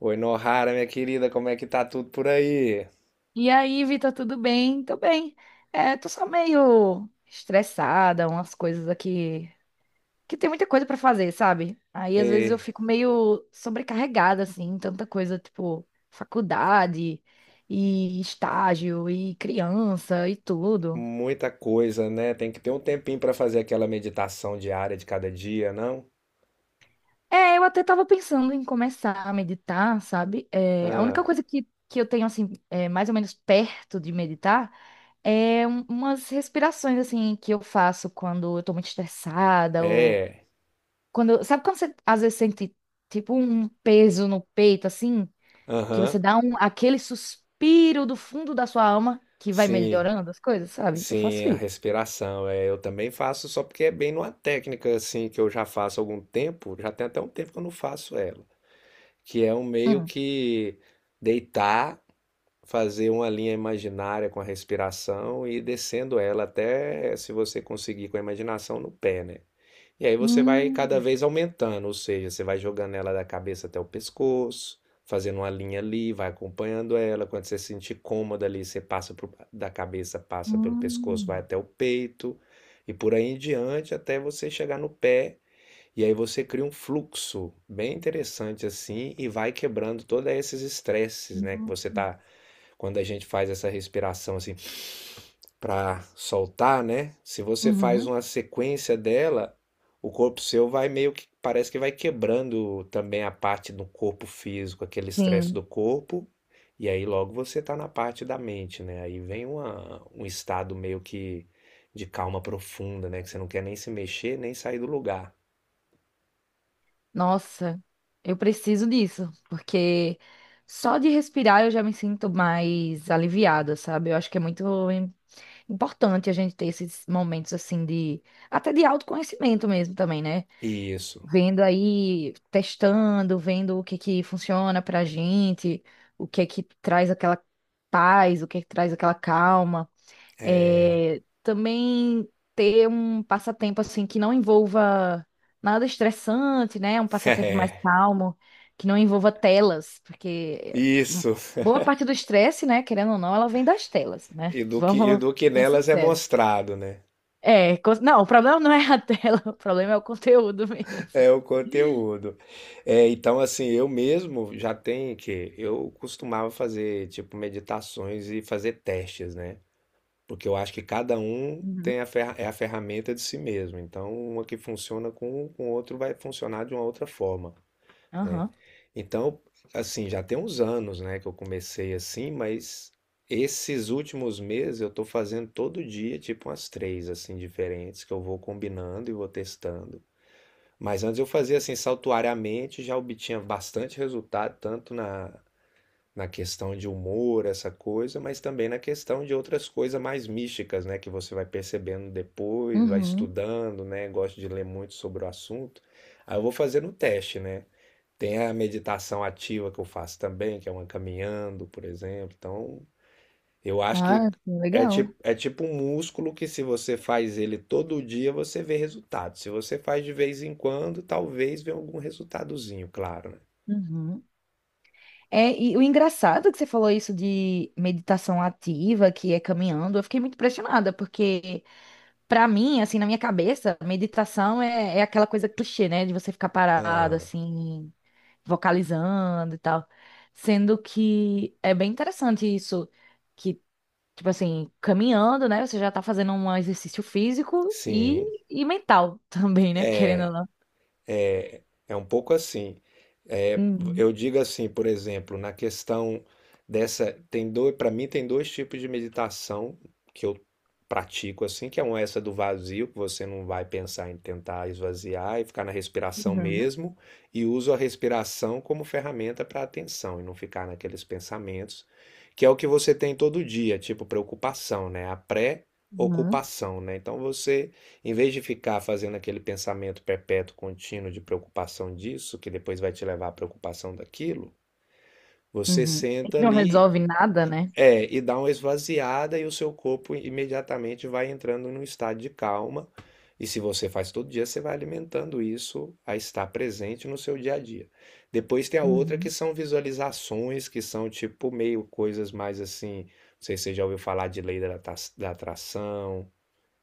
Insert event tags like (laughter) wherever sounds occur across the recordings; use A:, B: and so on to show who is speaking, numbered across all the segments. A: Oi, Nohara, minha querida, como é que tá tudo por aí?
B: E aí, Vitor, tudo bem? Tô bem. É, tô só meio estressada, umas coisas aqui que tem muita coisa pra fazer, sabe? Aí às vezes eu
A: Ei,
B: fico meio sobrecarregada assim, tanta coisa, tipo, faculdade e estágio e criança e tudo.
A: muita coisa, né? Tem que ter um tempinho pra fazer aquela meditação diária de cada dia, não?
B: É, eu até tava pensando em começar a meditar, sabe? É, a
A: Ah,
B: única coisa que eu tenho assim, é, mais ou menos perto de meditar. Umas respirações assim que eu faço quando eu tô muito estressada ou
A: é.
B: quando, sabe quando você às vezes sente tipo um peso no peito assim, que você
A: Aham.
B: dá aquele suspiro do fundo da sua alma que vai
A: Sim.
B: melhorando as coisas, sabe? Eu
A: Sim,
B: faço
A: a
B: isso.
A: respiração. É, eu também faço só porque é bem numa técnica assim que eu já faço há algum tempo, já tem até um tempo que eu não faço ela, que é um meio
B: Hum.
A: que deitar, fazer uma linha imaginária com a respiração e ir descendo ela até, se você conseguir com a imaginação, no pé, né? E aí você vai cada
B: Hum,
A: vez aumentando, ou seja, você vai jogando ela da cabeça até o pescoço, fazendo uma linha ali, vai acompanhando ela. Quando você se sentir cômoda ali, você passa pro- da cabeça, passa pelo pescoço, vai
B: hum,
A: até o peito, e por aí em diante até você chegar no pé, e aí você cria um fluxo bem interessante assim e vai quebrando todos esses estresses, né? Que você
B: hum.
A: tá. Quando a gente faz essa respiração assim para soltar, né? Se você faz
B: Uhum.
A: uma sequência dela, o corpo seu vai meio que parece que vai quebrando também a parte do corpo físico, aquele estresse do
B: Sim.
A: corpo. E aí logo você tá na parte da mente, né? Aí vem um estado meio que de calma profunda, né? Que você não quer nem se mexer, nem sair do lugar.
B: Nossa, eu preciso disso, porque só de respirar eu já me sinto mais aliviada, sabe? Eu acho que é muito importante a gente ter esses momentos assim de até de autoconhecimento mesmo também, né?
A: Isso.
B: Vendo aí, testando, vendo o que que funciona pra gente, o que que traz aquela paz, o que que traz aquela calma. É, também ter um passatempo assim que não envolva nada estressante, né? Um passatempo mais
A: É,
B: calmo, que não envolva telas, porque
A: isso.
B: boa parte do estresse, né, querendo ou não, ela vem das telas, né? (laughs)
A: E
B: Vamos
A: do que
B: ser
A: nelas é
B: sinceros.
A: mostrado, né?
B: É, não, o problema não é a tela, (laughs) o problema é o conteúdo mesmo.
A: É o conteúdo. É, então, assim, eu mesmo já tenho que. Eu costumava fazer, tipo, meditações e fazer testes, né? Porque eu acho que cada um
B: Uhum.
A: tem a, ferra é a ferramenta de si mesmo. Então, uma que funciona com um, com o outro vai funcionar de uma outra forma. Né?
B: Aham.
A: Então, assim, já tem uns anos, né, que eu comecei assim, mas esses últimos meses eu tô fazendo todo dia, tipo umas três, assim, diferentes, que eu vou combinando e vou testando. Mas antes eu fazia assim, saltuariamente, já obtinha bastante resultado, tanto na, na questão de humor, essa coisa, mas também na questão de outras coisas mais místicas, né, que você vai percebendo depois, vai
B: Uhum.
A: estudando, né, gosto de ler muito sobre o assunto. Aí eu vou fazendo o teste, né? Tem a meditação ativa que eu faço também, que é uma caminhando, por exemplo. Então, eu acho que
B: Ah, sim, legal.
A: é tipo um músculo que se você faz ele todo dia, você vê resultado. Se você faz de vez em quando, talvez venha algum resultadozinho, claro, né?
B: Uhum. É, e o engraçado é que você falou isso de meditação ativa, que é caminhando, eu fiquei muito impressionada, porque pra mim, assim, na minha cabeça, meditação é aquela coisa clichê, né? De você ficar parado,
A: Ah,
B: assim, vocalizando e tal. Sendo que é bem interessante isso, que tipo assim, caminhando, né? Você já tá fazendo um exercício físico e,
A: sim.
B: e mental (laughs) também, né? Querendo ou não.
A: É um pouco assim. É,
B: Uhum,
A: eu digo assim, por exemplo, na questão dessa, tem dois, para mim tem dois tipos de meditação que eu pratico assim, que é uma essa do vazio, que você não vai pensar em tentar esvaziar e ficar na respiração
B: uhum,
A: mesmo, e uso a respiração como ferramenta para atenção e não ficar naqueles pensamentos, que é o que você tem todo dia, tipo preocupação, né? A
B: uhum,
A: pré-ocupação, né? Então você, em vez de ficar fazendo aquele pensamento perpétuo, contínuo de preocupação disso, que depois vai te levar à preocupação daquilo, você
B: uhum. É
A: senta
B: que não
A: ali,
B: resolve nada, né?
A: é, e dá uma esvaziada e o seu corpo imediatamente vai entrando num estado de calma. E se você faz todo dia, você vai alimentando isso a estar presente no seu dia a dia. Depois tem a outra que
B: Uhum.
A: são visualizações, que são tipo meio coisas mais assim. Não sei se você já ouviu falar de lei da da atração,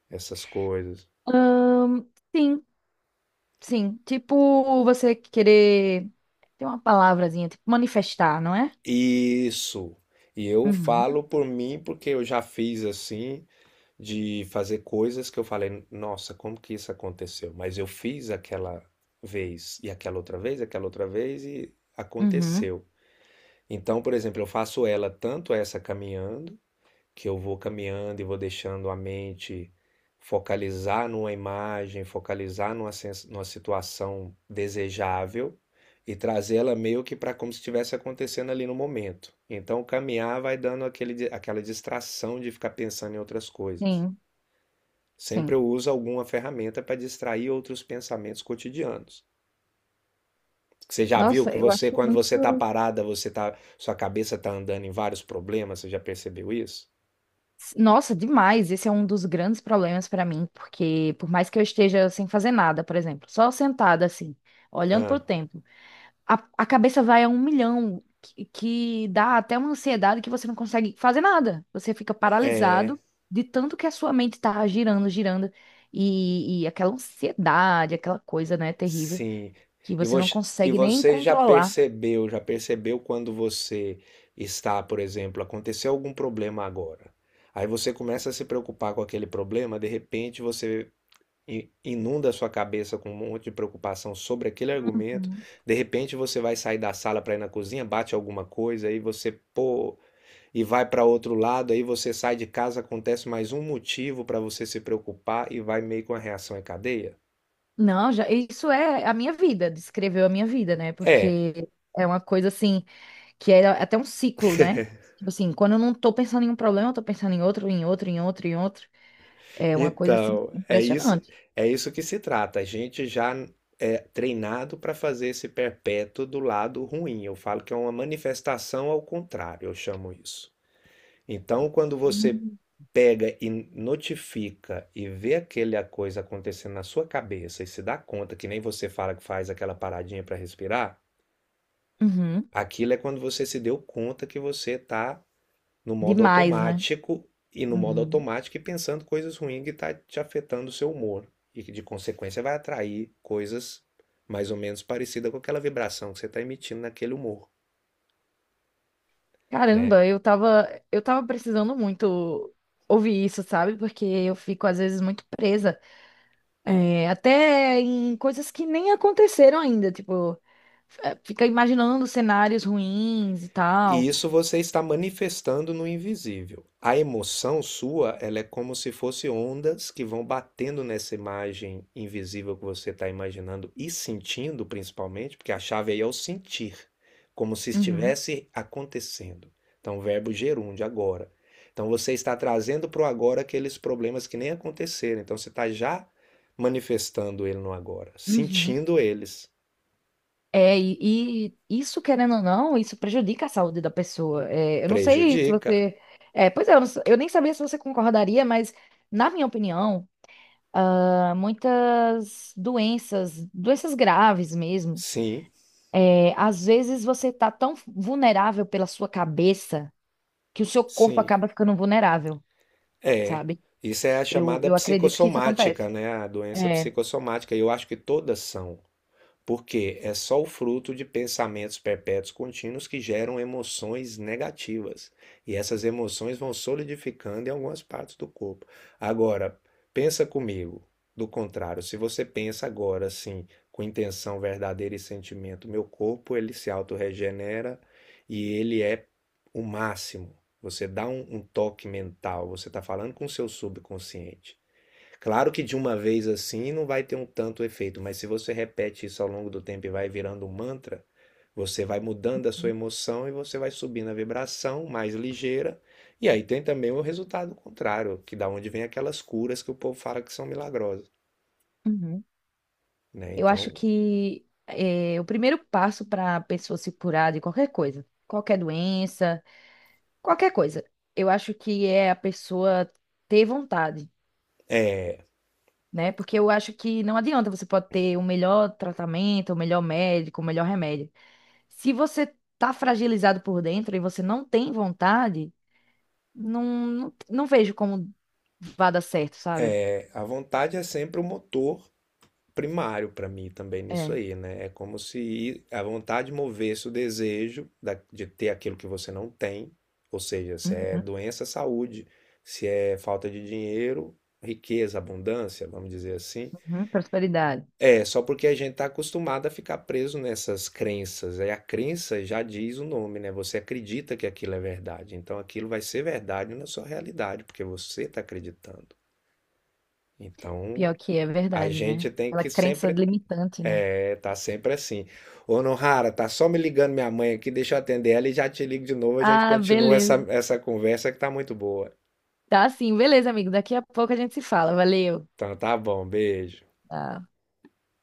A: essas coisas.
B: Ahn, sim, sim. Tipo, você querer. Tem uma palavrazinha, tipo manifestar, não é?
A: Isso. E eu
B: Uhum,
A: falo por mim porque eu já fiz assim, de fazer coisas que eu falei, nossa, como que isso aconteceu? Mas eu fiz aquela vez, e aquela outra vez, e
B: uhum.
A: aconteceu. Então, por exemplo, eu faço ela tanto essa caminhando, que eu vou caminhando e vou deixando a mente focalizar numa imagem, focalizar numa, numa situação desejável e trazê-la meio que para como se estivesse acontecendo ali no momento. Então, caminhar vai dando aquele, aquela distração de ficar pensando em outras coisas.
B: Sim, sim.
A: Sempre eu uso alguma ferramenta para distrair outros pensamentos cotidianos. Você já viu
B: Nossa,
A: que
B: eu
A: você,
B: acho
A: quando você está
B: muito.
A: parada, você tá, sua cabeça está andando em vários problemas, você já percebeu isso?
B: Nossa, demais. Esse é um dos grandes problemas pra mim, porque por mais que eu esteja sem fazer nada, por exemplo, só sentada assim, olhando pro
A: Ah,
B: tempo, a cabeça vai a um milhão, que dá até uma ansiedade que você não consegue fazer nada. Você fica
A: é.
B: paralisado de tanto que a sua mente tá girando, girando, e aquela ansiedade, aquela coisa, né, terrível,
A: Sim.
B: que
A: E
B: você não
A: você, e
B: consegue nem
A: você
B: controlar.
A: já percebeu quando você está, por exemplo, aconteceu algum problema agora. Aí você começa a se preocupar com aquele problema, de repente você inunda a sua cabeça com um monte de preocupação sobre aquele argumento.
B: Uhum.
A: De repente você vai sair da sala para ir na cozinha, bate alguma coisa, aí você, pô, e vai para outro lado, aí você sai de casa, acontece mais um motivo para você se preocupar e vai meio com a reação em cadeia.
B: Não, já, isso é a minha vida, descreveu a minha vida, né?
A: É.
B: Porque é uma coisa assim que é até um ciclo, né? Tipo assim, quando eu não tô pensando em um problema, eu tô pensando em outro, em outro, em outro, em outro. É uma coisa assim
A: Então, é isso,
B: impressionante.
A: é isso que se trata. A gente já é treinado para fazer esse perpétuo do lado ruim. Eu falo que é uma manifestação ao contrário, eu chamo isso. Então, quando você
B: Uhum.
A: pega e notifica e vê aquela coisa acontecendo na sua cabeça e se dá conta, que nem você fala que faz aquela paradinha para respirar,
B: Uhum.
A: aquilo é quando você se deu conta que você está no modo
B: Demais, né?
A: automático
B: Uhum.
A: e pensando coisas ruins que está te afetando o seu humor e que de consequência vai atrair coisas mais ou menos parecidas com aquela vibração que você está emitindo naquele humor, né?
B: Caramba, eu tava precisando muito ouvir isso, sabe? Porque eu fico às vezes muito presa, é, até em coisas que nem aconteceram ainda, tipo, é, fica imaginando cenários ruins e
A: E
B: tal.
A: isso você está manifestando no invisível. A emoção sua, ela é como se fosse ondas que vão batendo nessa imagem invisível que você está imaginando e sentindo, principalmente, porque a chave aí é o sentir, como se
B: Uhum.
A: estivesse acontecendo. Então, verbo gerúndio, agora. Então, você está trazendo para o agora aqueles problemas que nem aconteceram. Então, você está já manifestando ele no agora,
B: Uhum.
A: sentindo eles.
B: É, e isso, querendo ou não, isso prejudica a saúde da pessoa. É, eu não sei se
A: Prejudica.
B: você. É, pois é, eu, não s- eu nem sabia se você concordaria, mas, na minha opinião, ah, muitas doenças, doenças graves mesmo,
A: Sim,
B: é, às vezes você tá tão vulnerável pela sua cabeça que o seu corpo
A: sim.
B: acaba ficando vulnerável,
A: É,
B: sabe?
A: isso é a
B: Eu,
A: chamada
B: eu acredito que isso acontece.
A: psicossomática, né? A doença
B: É.
A: psicossomática. E eu acho que todas são, porque é só o fruto de pensamentos perpétuos contínuos que geram emoções negativas. E essas emoções vão solidificando em algumas partes do corpo. Agora, pensa comigo. Do contrário, se você pensa agora assim, com intenção verdadeira e sentimento, meu corpo ele se autorregenera e ele é o máximo. Você dá um toque mental, você está falando com o seu subconsciente. Claro que de uma vez assim não vai ter um tanto efeito, mas se você repete isso ao longo do tempo e vai virando um mantra, você vai mudando a sua emoção e você vai subindo a vibração mais ligeira. E aí tem também o resultado contrário, que da onde vem aquelas curas que o povo fala que são milagrosas,
B: Uhum.
A: né?
B: Eu acho
A: Então,
B: que é, o primeiro passo para a pessoa se curar de qualquer coisa, qualquer doença, qualquer coisa, eu acho que é a pessoa ter vontade,
A: é,
B: né? Porque eu acho que não adianta, você pode ter o melhor tratamento, o melhor médico, o melhor remédio. Se você tá fragilizado por dentro e você não tem vontade, não vejo como vá dar certo, sabe?
A: a vontade é sempre o motor primário para mim também nisso
B: É.
A: aí, né? É como se a vontade movesse o desejo da- de ter aquilo que você não tem, ou seja, se é
B: Uhum,
A: doença, saúde, se é falta de dinheiro, riqueza, abundância, vamos dizer assim.
B: uhum, prosperidade.
A: É só porque a gente está acostumado a ficar preso nessas crenças. Aí a crença já diz o nome, né? Você acredita que aquilo é verdade, então aquilo vai ser verdade na sua realidade, porque você está acreditando. Então,
B: Pior que é
A: a
B: verdade, né?
A: gente tem
B: Aquela
A: que
B: crença
A: sempre.
B: limitante, né?
A: É, tá sempre assim. Ô, Nohara, tá só me ligando minha mãe aqui, deixa eu atender ela e já te ligo de novo, a gente
B: Ah,
A: continua essa,
B: beleza.
A: essa conversa que tá muito boa.
B: Tá sim, beleza, amigo. Daqui a pouco a gente se fala. Valeu.
A: Então tá bom, beijo.
B: Tá.